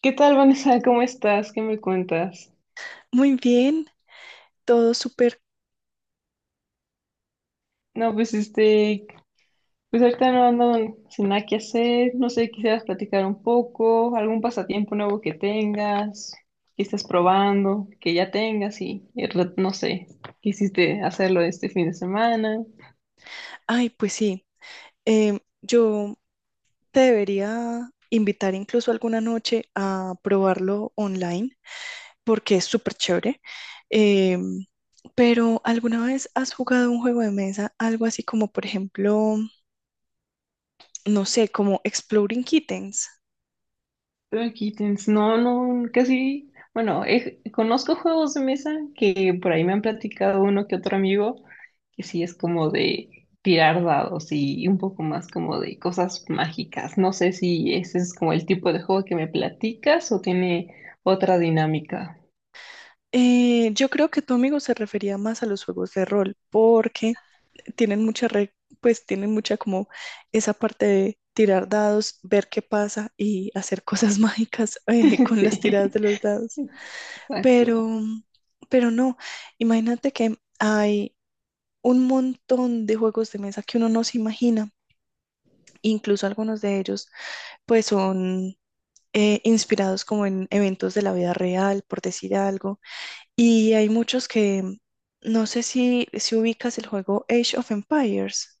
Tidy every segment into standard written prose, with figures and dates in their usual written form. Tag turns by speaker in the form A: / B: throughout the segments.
A: ¿Qué tal, Vanessa? ¿Cómo estás? ¿Qué me cuentas?
B: Muy bien, todo súper.
A: No, pues este, pues ahorita no ando sin nada que hacer, no sé, quisieras platicar un poco, algún pasatiempo nuevo que tengas, que estés probando, que ya tengas y no sé, quisiste hacerlo este fin de semana.
B: Ay, pues sí, yo te debería invitar incluso alguna noche a probarlo online porque es súper chévere. Em, pero ¿alguna vez has jugado un juego de mesa, algo así como, por ejemplo, no sé, como Exploding Kittens?
A: Pero Kittens, no, no, casi, bueno, conozco juegos de mesa que por ahí me han platicado uno que otro amigo, que sí es como de tirar dados y un poco más como de cosas mágicas. No sé si ese es como el tipo de juego que me platicas o tiene otra dinámica.
B: Yo creo que tu amigo se refería más a los juegos de rol porque tienen mucha re- pues tienen mucha como esa parte de tirar dados, ver qué pasa y hacer cosas mágicas, con
A: Sí,
B: las tiradas de los dados. Pero,
A: exacto.
B: mm, pero no, imagínate que hay un montón de juegos de mesa que uno no se imagina, incluso algunos de ellos pues son, inspirados como en eventos de la vida real, por decir algo, y hay muchos que, no sé si ubicas el juego Age of Empires,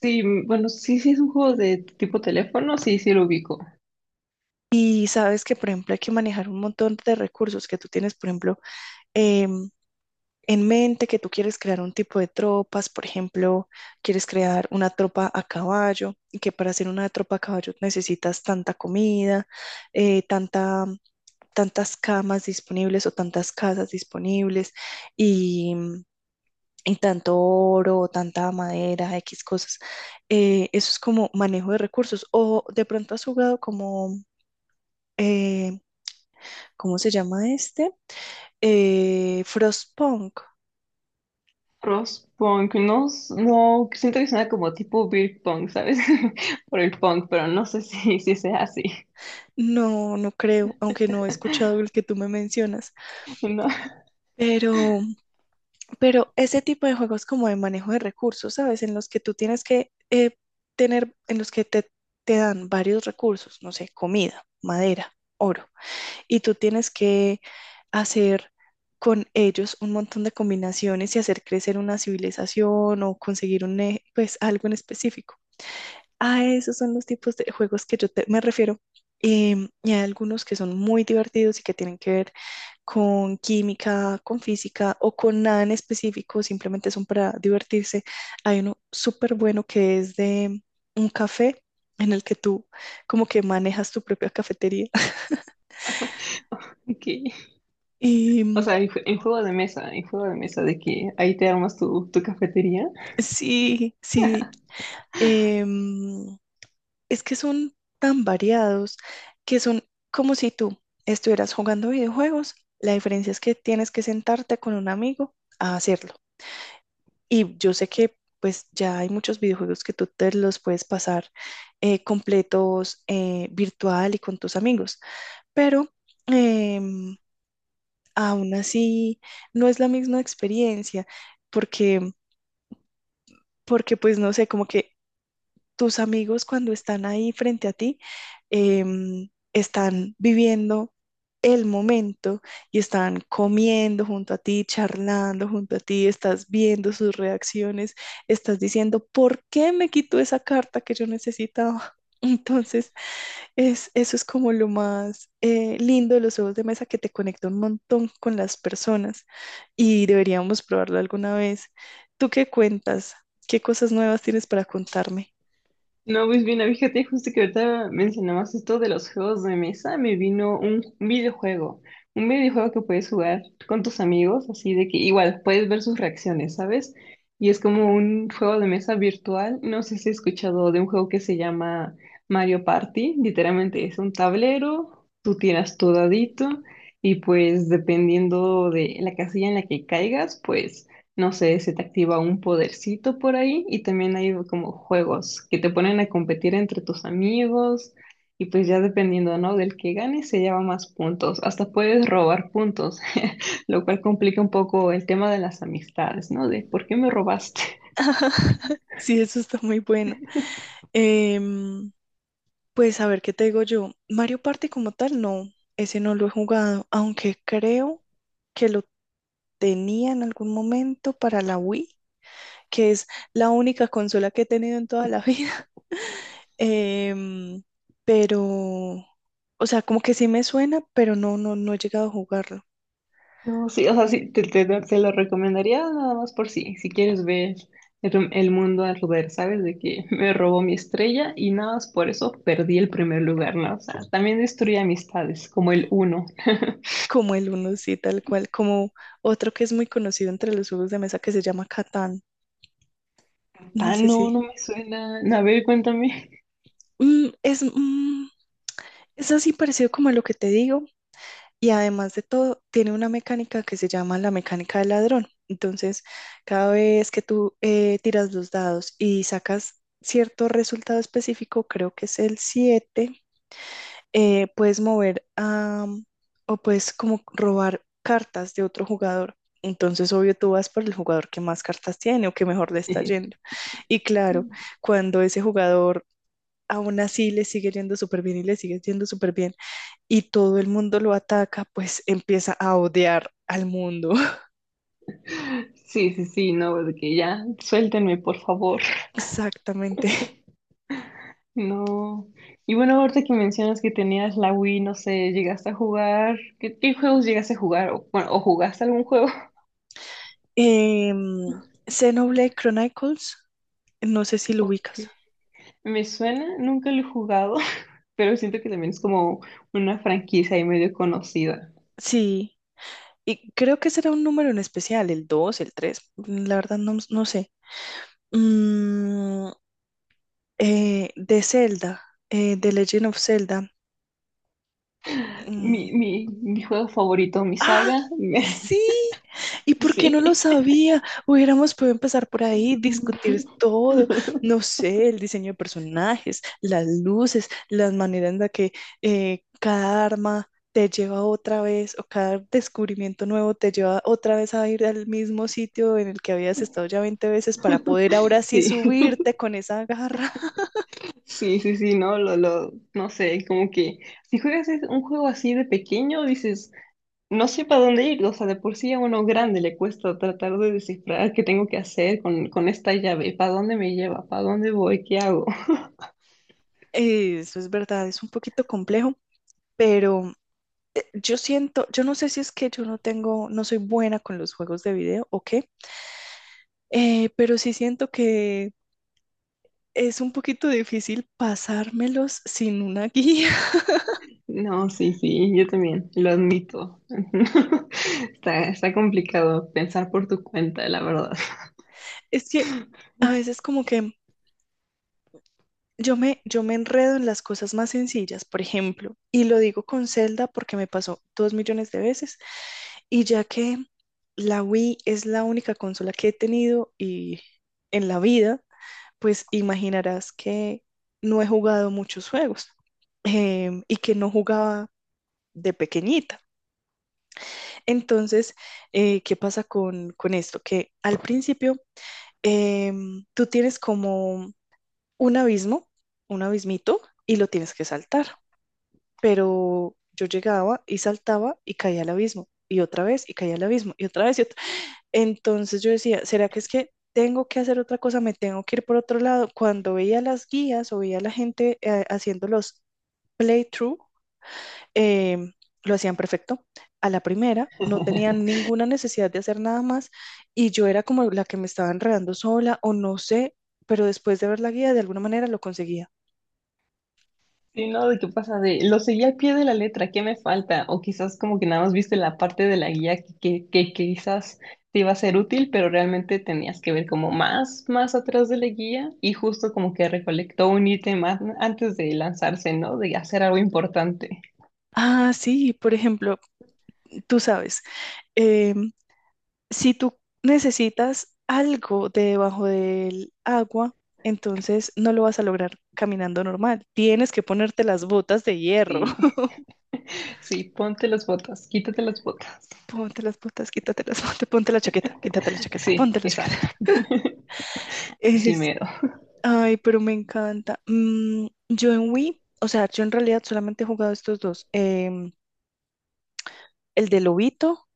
A: Sí, bueno, sí, sí es un juego de tipo teléfono, sí, sí lo ubico.
B: y sabes que, por ejemplo, hay que manejar un montón de recursos que tú tienes. Por ejemplo, em, en mente que tú quieres crear un tipo de tropas. Por ejemplo, quieres crear una tropa a caballo, y que para hacer una tropa a caballo necesitas tanta comida, eh, tanta, tantas camas disponibles o tantas casas disponibles, y y tanto oro, tanta madera, X cosas. Eso es como manejo de recursos. O de pronto has jugado como, eh, ¿cómo se llama este? Frostpunk.
A: Crosspunk, no, no, siento que suena como tipo beer punk, ¿sabes? Por el punk, pero no sé si sea así.
B: No, no creo, aunque no he escuchado el que tú me mencionas,
A: No,
B: pero, pero ese tipo de juegos como de manejo de recursos, ¿sabes? En los que tú tienes que, en los que te dan varios recursos, no sé, comida, madera, oro, y tú tienes que hacer con ellos un montón de combinaciones y hacer crecer una civilización o conseguir un, pues, algo en específico. A esos son los tipos de juegos que yo me refiero. Y hay algunos que son muy divertidos y que tienen que ver con química, con física o con nada en específico, simplemente son para divertirse. Hay uno súper bueno que es de un café en el que tú como que manejas tu propia cafetería.
A: ok. O
B: Y
A: sea, en juego de mesa, en juego de mesa, de que ahí te armas tu cafetería.
B: sí, sí. em, es que son tan variados que son como si tú estuvieras jugando videojuegos. La diferencia es que tienes que sentarte con un amigo a hacerlo. Y yo sé que pues ya hay muchos videojuegos que tú te los puedes pasar, completos, virtual y con tus amigos, pero, em, aún así no es la misma experiencia, porque porque pues no sé, como que tus amigos cuando están ahí frente a ti, están viviendo el momento y están comiendo junto a ti, charlando junto a ti, estás viendo sus reacciones, estás diciendo, ¿por qué me quitó esa carta que yo necesitaba? Entonces, es, eso es como lo más, lindo de los juegos de mesa, que te conecta un montón con las personas, y deberíamos probarlo alguna vez. ¿Tú qué cuentas? ¿Qué cosas nuevas tienes para contarme?
A: No, pues bien, fíjate, justo que ahorita mencionabas esto de los juegos de mesa, me vino un videojuego, un videojuego que puedes jugar con tus amigos, así de que igual puedes ver sus reacciones, ¿sabes? Y es como un juego de mesa virtual, no sé si has escuchado de un juego que se llama Mario Party, literalmente es un tablero, tú tiras tu dadito y pues dependiendo de la casilla en la que caigas, pues no sé, se te activa un podercito por ahí y también hay como juegos que te ponen a competir entre tus amigos y pues ya dependiendo, ¿no? Del que gane se lleva más puntos, hasta puedes robar puntos, lo cual complica un poco el tema de las amistades, ¿no? De por qué me robaste.
B: Sí, eso está muy bueno. Em, pues a ver, ¿qué te digo yo? Mario Party como tal, no, ese no lo he jugado, aunque creo que lo tenía en algún momento para la Wii, que es la única consola que he tenido en toda la vida. Em, pero, o sea, como que sí me suena, pero no, no, no he llegado a jugarlo.
A: No, sí, o sea, sí, te lo recomendaría nada más por si, si quieres ver el mundo al revés, ¿sabes? De que me robó mi estrella y nada más por eso perdí el primer lugar, ¿no? O sea, también destruye amistades, como el uno.
B: Como el uno, sí, tal cual, como otro que es muy conocido entre los juegos de mesa, que se llama Catán. No
A: Ah,
B: sé si.
A: no, no me suena. A ver, cuéntame.
B: Mm, es, mm, es así parecido como lo que te digo, y además de todo tiene una mecánica que se llama la mecánica del ladrón. Entonces, cada vez que tú, tiras los dados y sacas cierto resultado específico, creo que es el siete, eh, puedes mover a, o puedes como robar cartas de otro jugador. Entonces, obvio, tú vas por el jugador que más cartas tiene o que mejor le está yendo. Y claro, cuando ese jugador aún así le sigue yendo súper bien y le sigue yendo súper bien y todo el mundo lo ataca, pues empieza a odiar al mundo.
A: Sí, sí, sí, no, de que ya, suéltenme, por favor.
B: Exactamente.
A: No. Y bueno, ahorita que mencionas que tenías la Wii, no sé, llegaste a jugar. ¿Qué juegos llegaste a jugar? O, bueno, ¿o jugaste algún juego?
B: Eh, Xenoblade Chronicles, no sé si lo
A: Ok.
B: ubicas.
A: Me suena, nunca lo he jugado, pero siento que también es como una franquicia y medio conocida.
B: Sí, y creo que será un número en especial, el dos, el tres, la verdad no, no sé. Mm, de Zelda, de Legend of Zelda. mm,
A: Mi juego favorito, mi
B: Ah,
A: saga.
B: sí. ¿Y por qué no
A: Sí.
B: lo sabía? Hubiéramos podido empezar por ahí, discutir todo, no sé, el diseño de personajes, las luces, las maneras en las que, cada arma te lleva otra vez o cada descubrimiento nuevo te lleva otra vez a ir al mismo sitio en el que habías estado ya 20 veces para poder ahora sí
A: Sí.
B: subirte con esa garra.
A: Sí, sí, sí, no, no sé, como que si juegas un juego así de pequeño, dices, no sé para dónde ir, o sea, de por sí a uno grande le cuesta tratar de descifrar qué tengo que hacer con esta llave, para dónde me lleva, para dónde voy, qué hago.
B: Eso es verdad, es un poquito complejo, pero yo siento, yo no sé si es que yo no tengo, no soy buena con los juegos de video o qué, pero sí siento que es un poquito difícil pasármelos sin una guía.
A: No, sí, sí, yo también, lo admito. Está, está complicado pensar por tu cuenta, la verdad.
B: Es que a veces como que yo me enredo en las cosas más sencillas, por ejemplo, y lo digo con Zelda porque me pasó dos millones de veces. Y ya que la Wii es la única consola que he tenido y en la vida, pues imaginarás que no he jugado muchos juegos, y que no jugaba de pequeñita. Entonces, ¿qué pasa con esto? Que al principio, tú tienes como un abismo, un abismito, y lo tienes que saltar. Pero yo llegaba y saltaba y caía al abismo, y otra vez, y caía al abismo, y otra vez, y otra. Entonces yo decía, ¿será que es que tengo que hacer otra cosa? ¿Me tengo que ir por otro lado? Cuando veía las guías o veía a la gente, haciendo los playthrough, em, lo hacían perfecto. A la primera no tenían ninguna necesidad de hacer nada más, y yo era como la que me estaba enredando sola o no sé, pero después de ver la guía de alguna manera lo conseguía.
A: Sí, no, de qué pasa, de lo seguí al pie de la letra, ¿qué me falta? O quizás como que nada más viste la parte de la guía que quizás te iba a ser útil, pero realmente tenías que ver como más atrás de la guía y justo como que recolectó un ítem antes de lanzarse, ¿no? De hacer algo importante.
B: Ah, sí, por ejemplo, tú sabes, eh, si tú necesitas algo de debajo del agua, entonces no lo vas a lograr caminando normal. Tienes que ponerte las botas de hierro.
A: Sí, sí, ponte las botas, quítate las botas.
B: Ponte las botas, quítate las botas, ponte la chaqueta, quítate la chaqueta,
A: Sí,
B: ponte la chaqueta.
A: exacto. Así
B: Es,
A: mero.
B: Ay, pero me encanta. Yo en Wii, o sea, yo en realidad solamente he jugado estos dos. El de Lobito,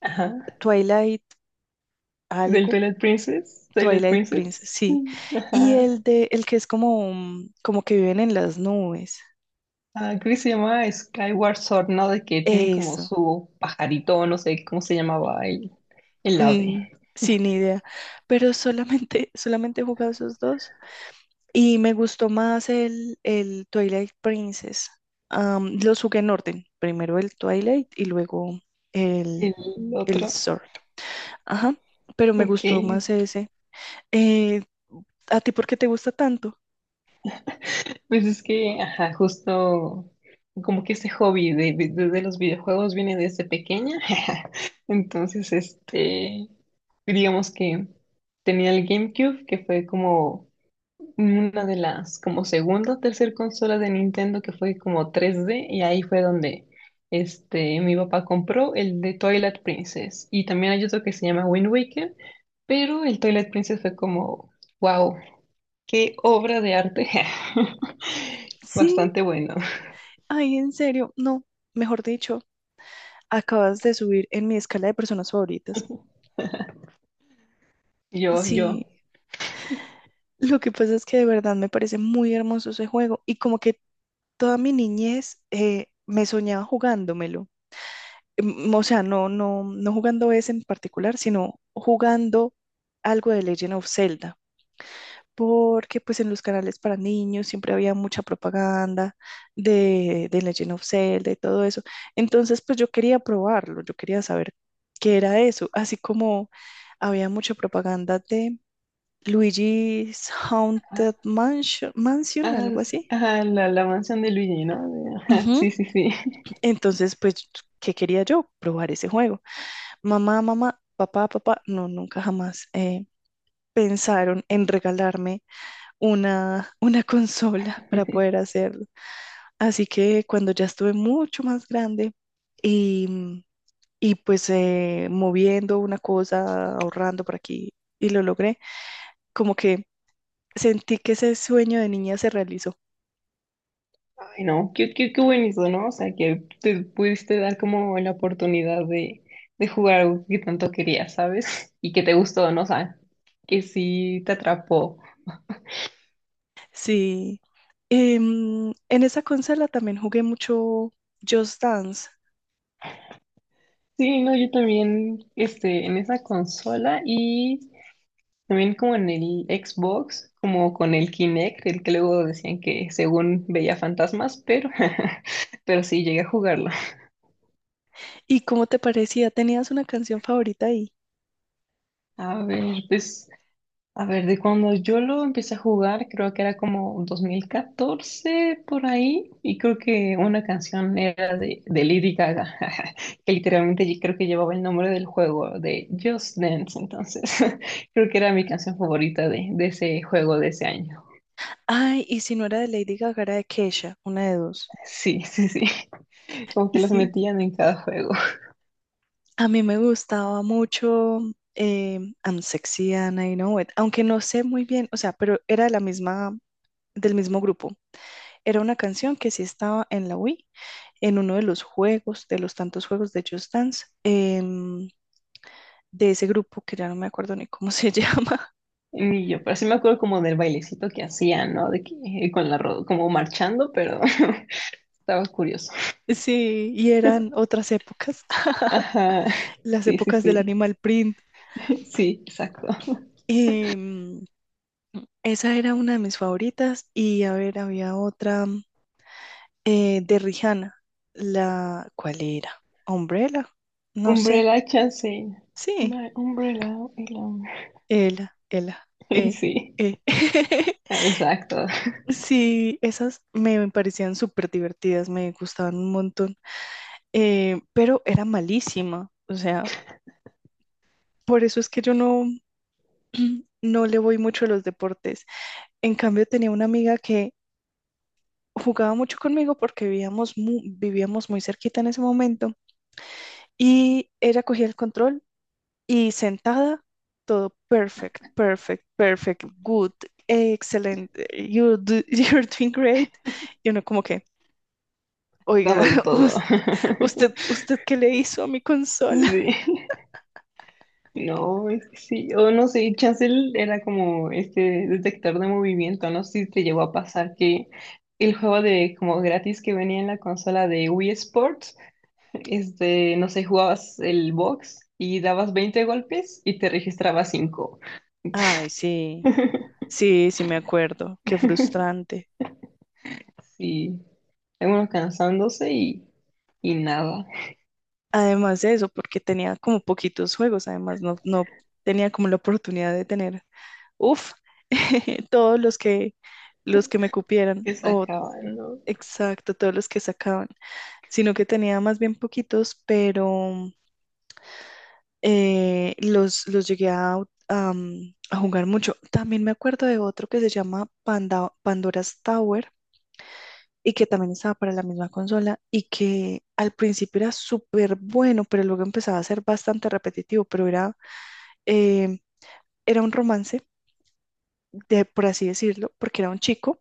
A: Ajá.
B: Twilight
A: Del
B: algo,
A: Twilight Princess, Twilight
B: Twilight Princess,
A: Princess.
B: sí. Y
A: Ajá.
B: el de, el que es como, como que viven en las nubes.
A: Ah, creo que se llama Skyward Sword, ¿no? De que tienen como
B: Eso.
A: su pajarito, no sé cómo se llamaba el ave,
B: Mm, Sin idea, pero solamente, solamente he jugado esos dos, y me gustó más el Twilight Princess. Los jugué en orden, primero el Twilight y luego el,
A: el
B: el
A: otro.
B: Sword. Ajá, pero me
A: Ok,
B: gustó más ese. Eh, ¿A ti por qué te gusta tanto?
A: pues es que, ajá, justo como que este hobby de los videojuegos viene desde pequeña. Entonces, este, digamos que tenía el GameCube, que fue como una de las como segunda o tercer consola de Nintendo que fue como 3D y ahí fue donde este mi papá compró el de Twilight Princess y también hay otro que se llama Wind Waker, pero el Twilight Princess fue como wow, qué obra de arte.
B: Sí,
A: Bastante bueno.
B: ay, en serio, no, mejor dicho, acabas de subir en mi escala de personas favoritas.
A: Yo
B: Sí,
A: yo
B: lo que pasa es que de verdad me parece muy hermoso ese juego, y como que toda mi niñez, me soñaba jugándomelo. O sea, no, no, no jugando ese en particular, sino jugando algo de Legend of Zelda. Porque pues en los canales para niños siempre había mucha propaganda de Legend of Zelda y todo eso. Entonces pues yo quería probarlo, yo quería saber qué era eso. Así como había mucha propaganda de Luigi's
A: ah,
B: Haunted Mansion, Mansion,
A: ah,
B: algo
A: sí,
B: así.
A: ah, la mansión de Luigi, ¿no? De- ajá,
B: Ujú.
A: sí, sí, sí.
B: Entonces, pues, ¿qué quería yo? Probar ese juego. Mamá, mamá, papá, papá, no, nunca jamás, pensaron en regalarme una, una consola para poder hacerlo. Así que cuando ya estuve mucho más grande y, mm, y pues, moviendo una cosa, ahorrando por aquí, y lo logré, como que sentí que ese sueño de niña se realizó.
A: Ay, no qué, qué, qué buenísimo, ¿no? O sea, que te pudiste dar como la oportunidad de jugar algo que tanto querías, ¿sabes? Y que te gustó, ¿no? O sea, que sí te atrapó.
B: Sí. En esa consola también jugué mucho Just Dance.
A: Sí, no, yo también, este, en esa consola y también como en el Xbox, como con el Kinect, el que luego decían que según veía fantasmas, pero, pero sí llegué a jugarlo.
B: ¿Y cómo te parecía? ¿Tenías una canción favorita ahí?
A: A ver, pues. A ver, de cuando yo lo empecé a jugar, creo que era como 2014 por ahí, y creo que una canción era de Lady Gaga, que literalmente yo creo que llevaba el nombre del juego de Just Dance, entonces creo que era mi canción favorita de ese juego de ese año.
B: Ay, y si no era de Lady Gaga, era de Kesha, una de dos.
A: Sí, sí, sí, como que las
B: Sí.
A: metían en cada juego.
B: A mí me gustaba mucho, I'm Sexy and I Know It, aunque no sé muy bien, o sea, pero era de la misma, del mismo grupo. Era una canción que sí estaba en la Wii, en uno de los juegos, de los tantos juegos de Just Dance, de ese grupo que ya no me acuerdo ni cómo se llama.
A: Y yo, pero sí me acuerdo como del bailecito que hacían, ¿no? De que con la como marchando, pero estaba curioso.
B: Sí, y eran otras épocas.
A: Ajá,
B: Las
A: sí, sí,
B: épocas del
A: sí.
B: Animal Print.
A: Sí, exacto.
B: Em, Esa era una de mis favoritas, y a ver, había otra, de Rihanna, la, ¿cuál era? Umbrella, no sé,
A: Umbrella Chancey.
B: sí,
A: My umbrella alone.
B: Ela, Ela,
A: Sí,
B: eh.
A: exacto.
B: Sí, esas me parecían súper divertidas, me gustaban un montón, pero era malísima, o sea, por eso es que yo no, no le voy mucho a los deportes. En cambio, tenía una amiga que jugaba mucho conmigo porque vivíamos, vivíamos muy cerquita en ese momento, y ella cogía el control y sentada, todo perfect, perfect, perfect, good, excelente, you're doing great. Y uno como que, oiga,
A: Dándolo todo.
B: us- usted, usted, ¿qué le hizo a mi consola?
A: Sí. No, es que sí. O no sé, Chancel era como este detector de movimiento. No sé si te llegó a pasar que el juego de como gratis que venía en la consola de Wii Sports, este, no sé, jugabas el box y dabas 20 golpes y te registraba cinco.
B: Ay, sí, sí, sí me acuerdo, qué frustrante.
A: Sí, algunos cansándose y nada,
B: Además de eso, porque tenía como poquitos juegos, además no, no tenía como la oportunidad de tener. Uf, todos los que me cupieran,
A: que se
B: o
A: acaban, ¿no?
B: exacto, todos los que sacaban, sino que tenía más bien poquitos, pero, los llegué a jugar mucho. También me acuerdo de otro que se llama Panda, Pandora's Tower, y que también estaba para la misma consola, y que al principio era súper bueno, pero luego empezaba a ser bastante repetitivo, pero era, eh, era un romance, de, por así decirlo, porque era un chico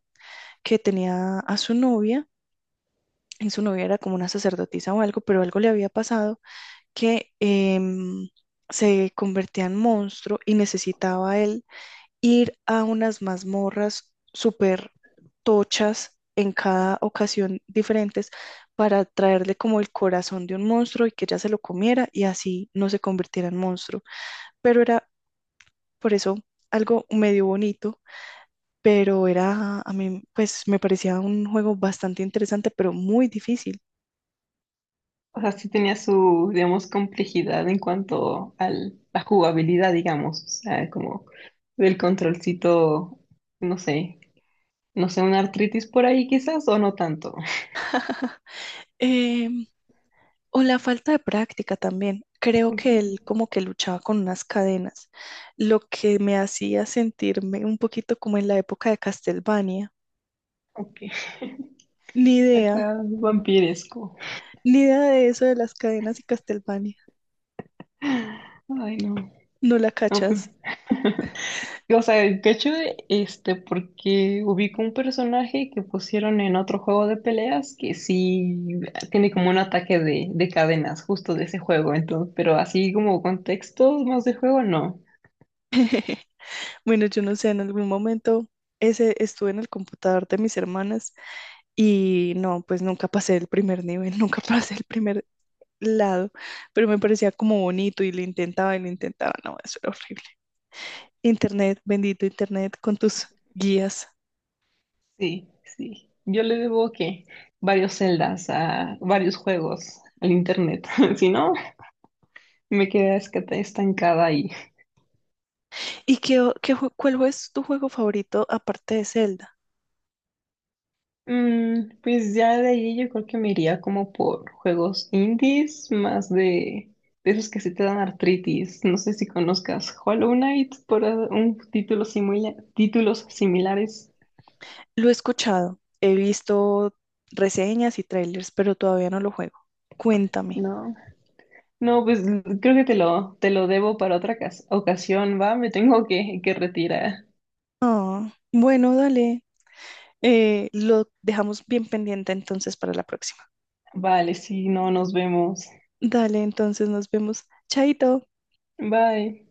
B: que tenía a su novia, y su novia era como una sacerdotisa o algo, pero algo le había pasado que, se convertía en monstruo y necesitaba él ir a unas mazmorras súper tochas en cada ocasión diferentes para traerle como el corazón de un monstruo y que ella se lo comiera y así no se convirtiera en monstruo. Pero era por eso algo medio bonito, pero era, a mí, pues me parecía un juego bastante interesante, pero muy difícil.
A: O sea, sí tenía su, digamos, complejidad en cuanto a la jugabilidad, digamos, o sea, como del controlcito, no sé, no sé, una artritis por ahí quizás o no tanto.
B: Em, o la falta de práctica también. Creo
A: Ok,
B: que él como que luchaba con unas cadenas, lo que me hacía sentirme un poquito como en la época de Castlevania.
A: ok.
B: Ni idea,
A: Acá vampiresco.
B: ni idea de eso de las cadenas y Castlevania.
A: Ay, no.
B: No la
A: No, pues.
B: cachas.
A: O sea, de hecho este, porque ubico un personaje que pusieron en otro juego de peleas que sí tiene como un ataque de cadenas justo de ese juego, entonces, pero así como contexto más de juego, no.
B: Bueno, yo no sé, en algún momento ese estuve en el computador de mis hermanas, y no, pues nunca pasé el primer nivel, nunca pasé el primer, lado, pero me parecía como bonito y lo intentaba y lo intentaba. No, eso era horrible. Internet, bendito Internet, con tus guías.
A: Sí, sí. Yo le debo que varios celdas a varios juegos al internet. Si no, me quedé estancada ahí.
B: ¿Y qué, o- qué, jue- cuál es tu juego favorito aparte de Zelda?
A: Mm, pues ya de ahí yo creo que me iría como por juegos indies, más de esos que sí te dan artritis. No sé si conozcas Hollow Knight por ah, un título títulos similares.
B: Lo he escuchado, he visto reseñas y trailers, pero todavía no lo juego. Cuéntame.
A: No. No, pues creo que te lo debo para otra ocasión, va, me tengo que retirar.
B: Ah, bueno, dale. Lo dejamos bien pendiente entonces para la próxima.
A: Vale, sí, no, nos vemos.
B: Dale, entonces nos vemos. Chaito.
A: Bye.